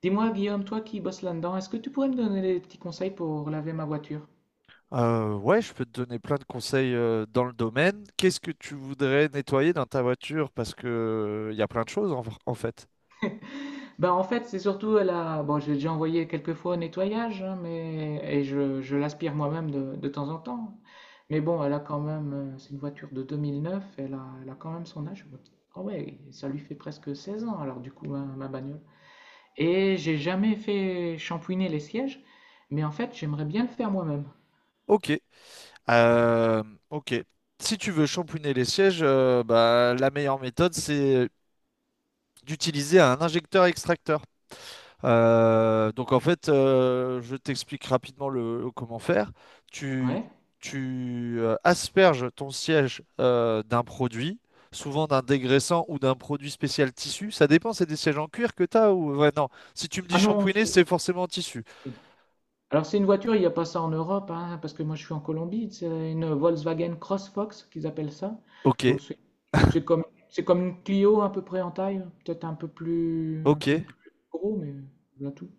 Dis-moi, Guillaume, toi qui bosses là-dedans, est-ce que tu pourrais me donner des petits conseils pour laver ma voiture? Ouais, je peux te donner plein de conseils dans le domaine. Qu'est-ce que tu voudrais nettoyer dans ta voiture? Parce que il y a plein de choses en fait. Ben, en fait, c'est surtout la... Bon, j'ai déjà envoyé quelques fois au nettoyage, hein, mais... et je l'aspire moi-même de temps en temps. Mais bon, elle a quand même... c'est une voiture de 2009, elle a quand même son âge. Ah ouais, ça lui fait presque 16 ans, alors du coup, ma bagnole. Et j'ai jamais fait shampouiner les sièges, mais en fait, j'aimerais bien le faire moi-même. Ok. Euh, ok. Si tu veux shampouiner les sièges, bah, la meilleure méthode, c'est d'utiliser un injecteur-extracteur. Donc en fait, je t'explique rapidement le, comment faire. Tu, Ouais. tu asperges ton siège d'un produit, souvent d'un dégraissant ou d'un produit spécial tissu. Ça dépend, c'est des sièges en cuir que tu as ou... Ouais, non. Si tu me dis Ah non, shampouiner, c'est- c'est forcément en tissu. si. Alors c'est une voiture, il n'y a pas ça en Europe, hein, parce que moi je suis en Colombie, c'est une Volkswagen CrossFox qu'ils appellent ça. Ok, Donc c'est c'est comme une Clio à peu près en taille, peut-être un ok, peu plus gros, mais voilà tout.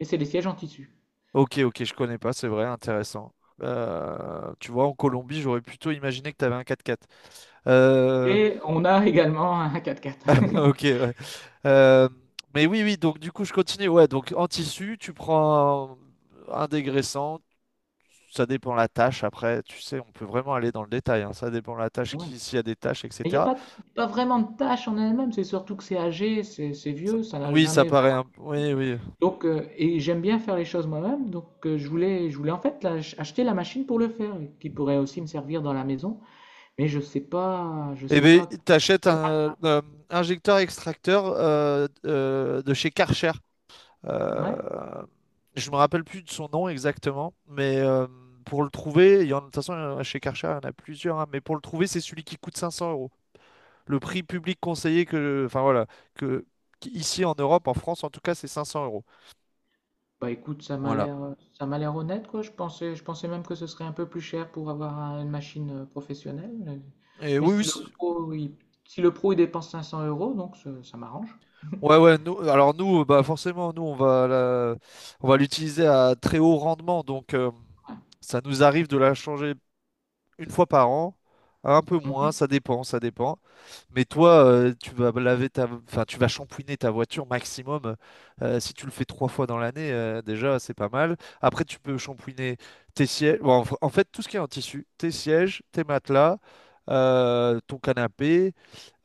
Et c'est des sièges en tissu. Ok, je connais pas, c'est vrai, intéressant. Tu vois, en Colombie, j'aurais plutôt imaginé que tu avais un 4x4. Et on a également un 4x4. Ok, ouais. Euh, mais oui, oui, donc du coup, je continue. Ouais, donc en tissu, tu prends un dégraissant, ça dépend la tâche. Après, tu sais, on peut vraiment aller dans le détail, hein, ça dépend la tâche, Ouais. qui, s'il y a des tâches, Et il n'y a etc. pas, pas vraiment de tâche en elle-même, c'est surtout que c'est âgé, c'est Ça- vieux, ça n'a Oui, ça jamais vraiment. paraît un... Oui, oui. Donc, et j'aime bien faire les choses moi-même, donc je voulais en fait acheter la machine pour le faire, qui pourrait aussi me servir dans la maison, mais je sais pas, je Eh sais bien, pas t'achètes quel- un injecteur extracteur de chez Karcher. Euh, Ouais. je me rappelle plus de son nom exactement, mais pour le trouver, de toute façon, chez Karcher, il y en a plusieurs, hein, mais pour le trouver, c'est celui qui coûte 500 euros. Le prix public conseillé que, enfin voilà, que ici en Europe, en France en tout cas, c'est 500 euros. Bah écoute, ça m'a Voilà. l'air, ça m'a l'air honnête quoi. Je pensais même que ce serait un peu plus cher pour avoir un- une machine professionnelle, Et mais oui, si oui, le pro, il, si le pro il dépense 500 euros, donc ça m'arrange. ouais, ouais. Nous, alors nous, bah forcément, nous on va la- on va l'utiliser à très haut rendement, donc Ouais. ça nous arrive de la changer une fois par an, un peu moins, Mhm, ça dépend, ça dépend. Mais toi, tu vas laver ta, enfin, tu vas shampouiner ta voiture maximum. Si tu le fais trois fois dans l'année, déjà, c'est pas mal. Après, tu peux shampouiner tes sièges. Bon, en fait, tout ce qui est en tissu, tes sièges, tes matelas, ton canapé,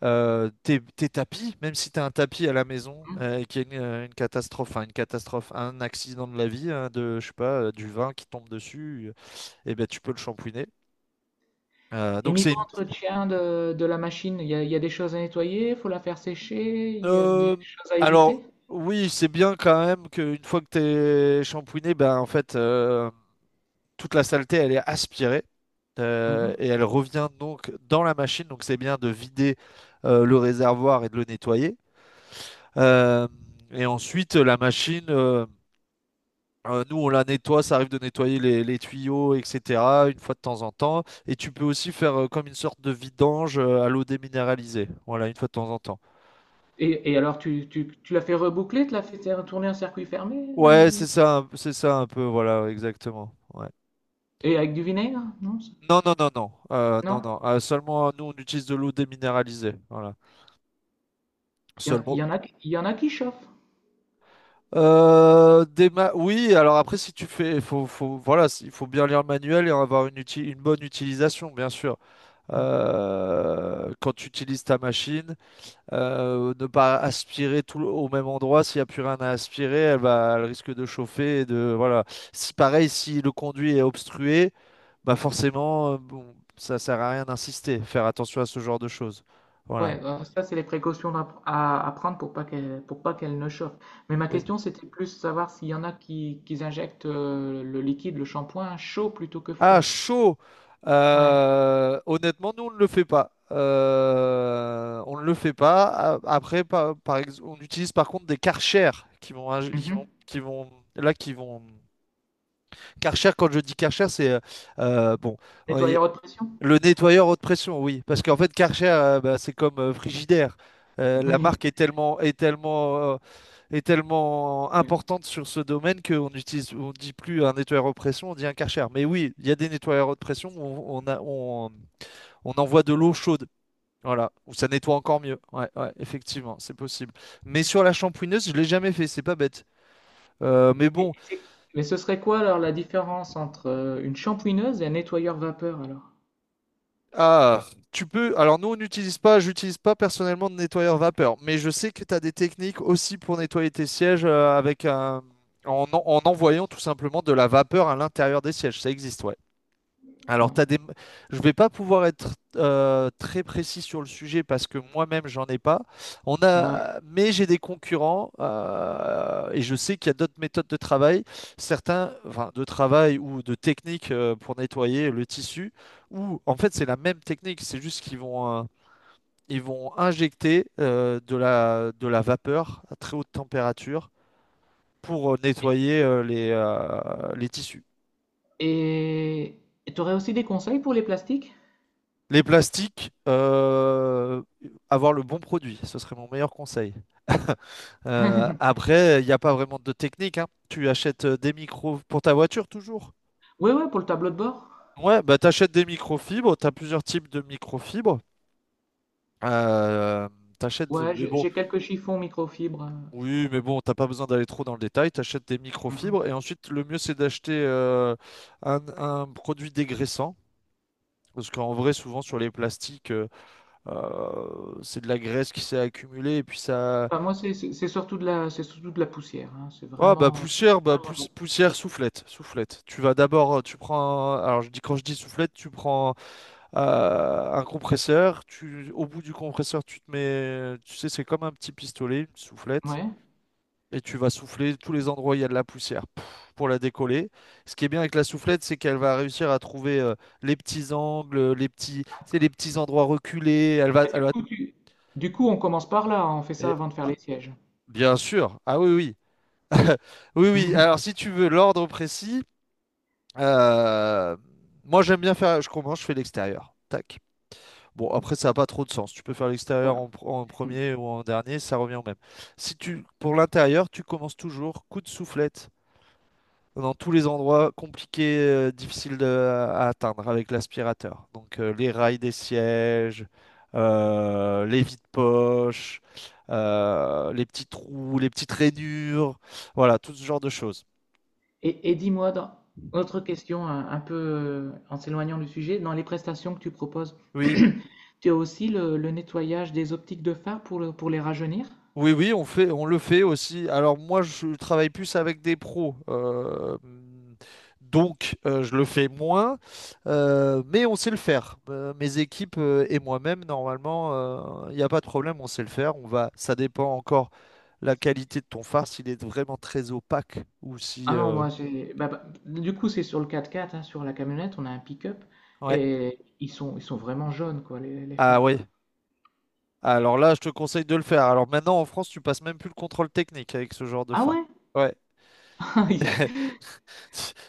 euh, tes tapis. Même si tu as un tapis à la maison mhm. Et qu'il y a une catastrophe, enfin, une catastrophe, un accident de la vie, hein, de, je sais pas, du vin qui tombe dessus, et ben, tu peux le shampouiner. Euh, Et donc c'est niveau une... entretien de la machine, il y a des choses à nettoyer, faut la faire sécher, il y a des Euh, choses à alors éviter. oui, c'est bien quand même qu'une fois que t'es shampooiné, ben en fait toute la saleté elle est aspirée Mmh. et elle revient donc dans la machine. Donc c'est bien de vider le réservoir et de le nettoyer. Euh, et ensuite la machine, nous on la nettoie, ça arrive de nettoyer les tuyaux, etc. Une fois de temps en temps. Et tu peux aussi faire comme une sorte de vidange à l'eau déminéralisée. Voilà, une fois de temps en temps. Et alors tu l'as fait reboucler? Tu l'as fait tourner un circuit fermé Ouais, c'est ou ça, c'est ça un peu, voilà, exactement. Ouais. et avec du vinaigre? Non? c Non, non? non. Seulement, nous, on utilise de l'eau déminéralisée, voilà. Il y a Seulement. Il y en a qui chauffent. Oui, alors après, si tu fais, voilà, il faut bien lire le manuel et avoir une bonne utilisation, bien sûr. Mmh. Quand tu utilises ta machine. Ne pas aspirer au même endroit, s'il n'y a plus rien à aspirer, elle va, elle risque de chauffer et de, voilà. Si pareil, si le conduit est obstrué, bah forcément, bon, ça sert à rien d'insister, faire attention à ce genre de choses. Ouais, Voilà. alors ça, c'est les précautions à prendre pour pas qu'elle ne chauffe. Mais ma Oui. question, c'était plus savoir s'il y en a qui injectent, le liquide, le shampoing chaud plutôt que Ah, froid. chaud! Ouais. Honnêtement, nous, on ne le fait pas. On ne le fait pas. A- Après, par, par ex- On utilise par contre des Karcher qui vont, Mmh. Qui vont, là, qui vont Karcher, quand je dis Karcher, c'est bon, oui, Nettoyeur haute pression? le nettoyeur haute pression, oui, parce qu'en fait Karcher, bah, c'est comme Frigidaire. La marque est est tellement Oui, oui. importante sur ce domaine qu'on utilise, on dit plus un nettoyeur haute pression, on dit un Karcher. Mais oui, il y a des nettoyeurs haute pression où on envoie de l'eau chaude. Voilà, où ça nettoie encore mieux. Ouais, ouais, effectivement, c'est possible. Mais sur la shampouineuse, je l'ai jamais fait, c'est pas bête. Euh, mais Et bon, c'est mais ce serait quoi alors la différence entre, une shampouineuse et un nettoyeur vapeur alors? Ah, tu peux. Alors nous, on n'utilise pas, j'utilise pas personnellement de nettoyeur vapeur, mais je sais que tu as des techniques aussi pour nettoyer tes sièges avec un... en envoyant tout simplement de la vapeur à l'intérieur des sièges. Ça existe, ouais. Alors, Ouais. t'as des... je ne vais pas pouvoir être très précis sur le sujet parce que moi-même, j'en ai pas. Ouais. Mais j'ai des concurrents et je sais qu'il y a d'autres méthodes de travail, certains enfin, de travail ou de techniques pour nettoyer le tissu, où en fait, c'est la même technique, c'est juste qu'ils vont, ils vont injecter de la vapeur à très haute température pour nettoyer les tissus. Et tu aurais aussi des conseils pour les plastiques? Les plastiques, avoir le bon produit, ce serait mon meilleur conseil. Après, il n'y a pas vraiment de technique, hein. Tu achètes des micros pour ta voiture toujours. Ouais, ouais, pour le tableau de bord. Ouais, bah t'achètes des microfibres, t'as plusieurs types de microfibres. Euh, t'achètes, Ouais, mais j'ai bon, j'ai quelques chiffons microfibres. Oui, mais bon, t'as pas besoin d'aller trop dans le détail. T'achètes des microfibres Mhm. et ensuite le mieux c'est d'acheter un produit dégraissant. Parce qu'en vrai, souvent sur les plastiques, c'est de la graisse qui s'est accumulée et puis ça, Enfin, moi, c'est surtout de la, c'est surtout de la poussière, hein. C'est Ah bah vraiment, poussière, vraiment de la poussière. poussière, soufflette, soufflette. Tu vas d'abord, alors je dis quand je dis soufflette, tu prends un compresseur, au bout du compresseur, tu te mets, tu sais, c'est comme un petit pistolet, une soufflette, Ouais. et tu vas souffler tous les endroits où il y a de la poussière pouf, pour la décoller. Ce qui est bien avec la soufflette, c'est qu'elle va réussir à trouver les petits angles, les petits, tu sais, les petits endroits reculés. Et du coup, du coup, on commence par là. On fait ça et- avant de faire ah, les sièges. bien sûr, ah oui, oui. Oui, oui. Alors, si tu veux l'ordre précis, Euh, moi, j'aime bien faire. Je commence, je fais l'extérieur. Tac. Bon, après, ça n'a pas trop de sens. Tu peux faire l'extérieur Ouais. En premier ou en dernier, ça revient au même. Si tu, pour l'intérieur, tu commences toujours coup de soufflette dans tous les endroits compliqués, difficiles à atteindre avec l'aspirateur. Donc, les rails des sièges, les vides-poches, les petits trous, les petites rainures, voilà, tout ce genre de choses. Et dis-moi, autre question, un peu en s'éloignant du sujet, dans les prestations que tu proposes, Oui. tu as aussi le nettoyage des optiques de phare pour, pour les rajeunir? Oui, oui, on fait, on le fait aussi. Alors moi, je travaille plus avec des pros, donc je le fais moins, mais on sait le faire. Mes équipes et moi-même, normalement, il n'y a pas de problème, on sait le faire. On va, ça dépend encore la qualité de ton phare, s'il est vraiment très opaque ou si. Ah non, moi j'ai bah, bah, du coup, c'est sur le 4x4, hein, sur la camionnette, on a un pick-up Ouais. et ils sont vraiment jaunes, quoi, les Ah oui. phares. Alors là, je te conseille de le faire. Alors maintenant, en France, tu passes même plus le contrôle technique avec ce genre de Ah phare. ouais? Ouais.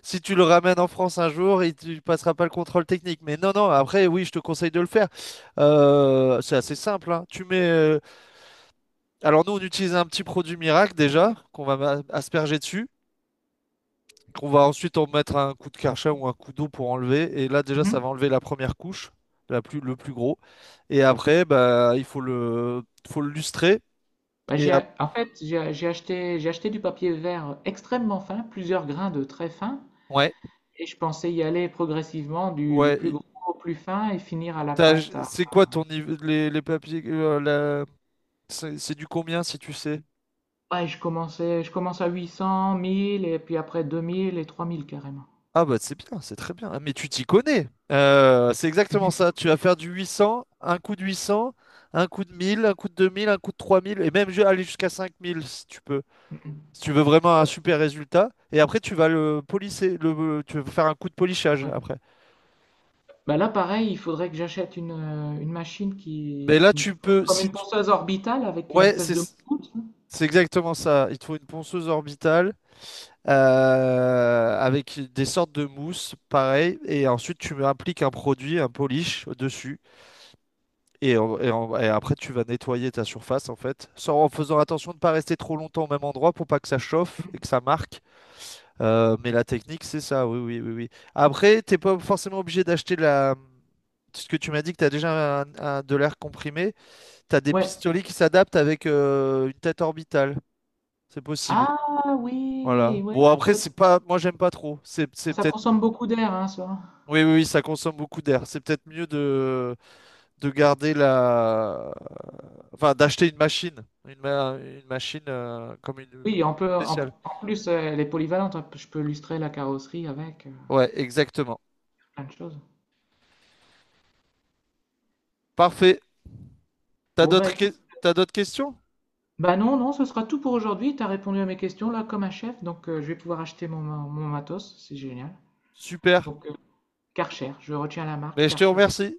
Si tu le ramènes en France un jour, il ne passera pas le contrôle technique. Mais non, non, après, oui, je te conseille de le faire. C'est assez simple, hein. Alors nous, on utilise un petit produit miracle déjà, qu'on va asperger dessus, qu'on va ensuite en mettre un coup de karcher ou un coup d'eau pour enlever. Et là, déjà, ça Mhm. va enlever la première couche, le plus gros. Et après, bah, faut le lustrer. Bah, Et j'ai, ap- en fait, j'ai acheté, j'ai acheté du papier vert extrêmement fin, plusieurs grains de très fin, ouais, et je pensais y aller progressivement du ouais. plus gros au plus fin et finir à la pâte t'as- à, C'est quoi ton niveau, les papiers, c'est du combien si tu sais? ouais, je commence à 800, 1000 et puis après 2000 et 3000 carrément. Ah bah c'est bien, c'est très bien. Ah, mais tu t'y connais. C'est exactement ça. Tu vas faire du 800, un coup de 800, un coup de 1000, un coup de 2000, un coup de 3000 et même aller jusqu'à 5000 si tu peux. Mmh mh. Si tu veux vraiment un Ouais, super résultat. Et après tu vas le polisser, tu vas faire un coup de polissage ouais. après. Bah, là, pareil, il faudrait que j'achète une machine qui Mais là tu peux, comme si une tu- ponceuse orbitale avec une Ouais, espèce c'est de moute, c'est exactement ça. Il te faut une ponceuse orbitale avec des sortes de mousse, pareil. Et ensuite tu appliques un produit, un polish au-dessus. Et après, tu vas nettoyer ta surface en fait, sans, en faisant attention de ne pas rester trop longtemps au même endroit pour pas que ça chauffe et que ça marque. Mais la technique, c'est ça, oui, oui, oui, oui. Après, t'es pas forcément obligé d'acheter la... Ce que tu m'as dit que tu as déjà de l'air comprimé, tu as des ouais. pistolets qui s'adaptent avec une tête orbitale. C'est possible. Ah oui! Voilà. Ouais, Bon, après, peut c'est pas... Moi, j'aime pas trop. C'est ça peut-être... consomme beaucoup d'air, hein, ça. Oui, oui, oui, ça consomme beaucoup d'air. C'est peut-être mieux de garder la... Enfin, d'acheter une machine. Une machine comme une Oui, on peut on spéciale. en plus, elle est polyvalente, hein, je peux lustrer la carrosserie avec, Ouais, exactement. plein de choses. Parfait. T'as Bon, bah, d'autres écoute. que- T'as d'autres questions? Bah non, non, ce sera tout pour aujourd'hui. Tu as répondu à mes questions là comme un chef, donc je vais pouvoir acheter mon, mon matos, c'est génial. Super. Donc Karcher, je retiens la marque Mais je te Karcher. remercie.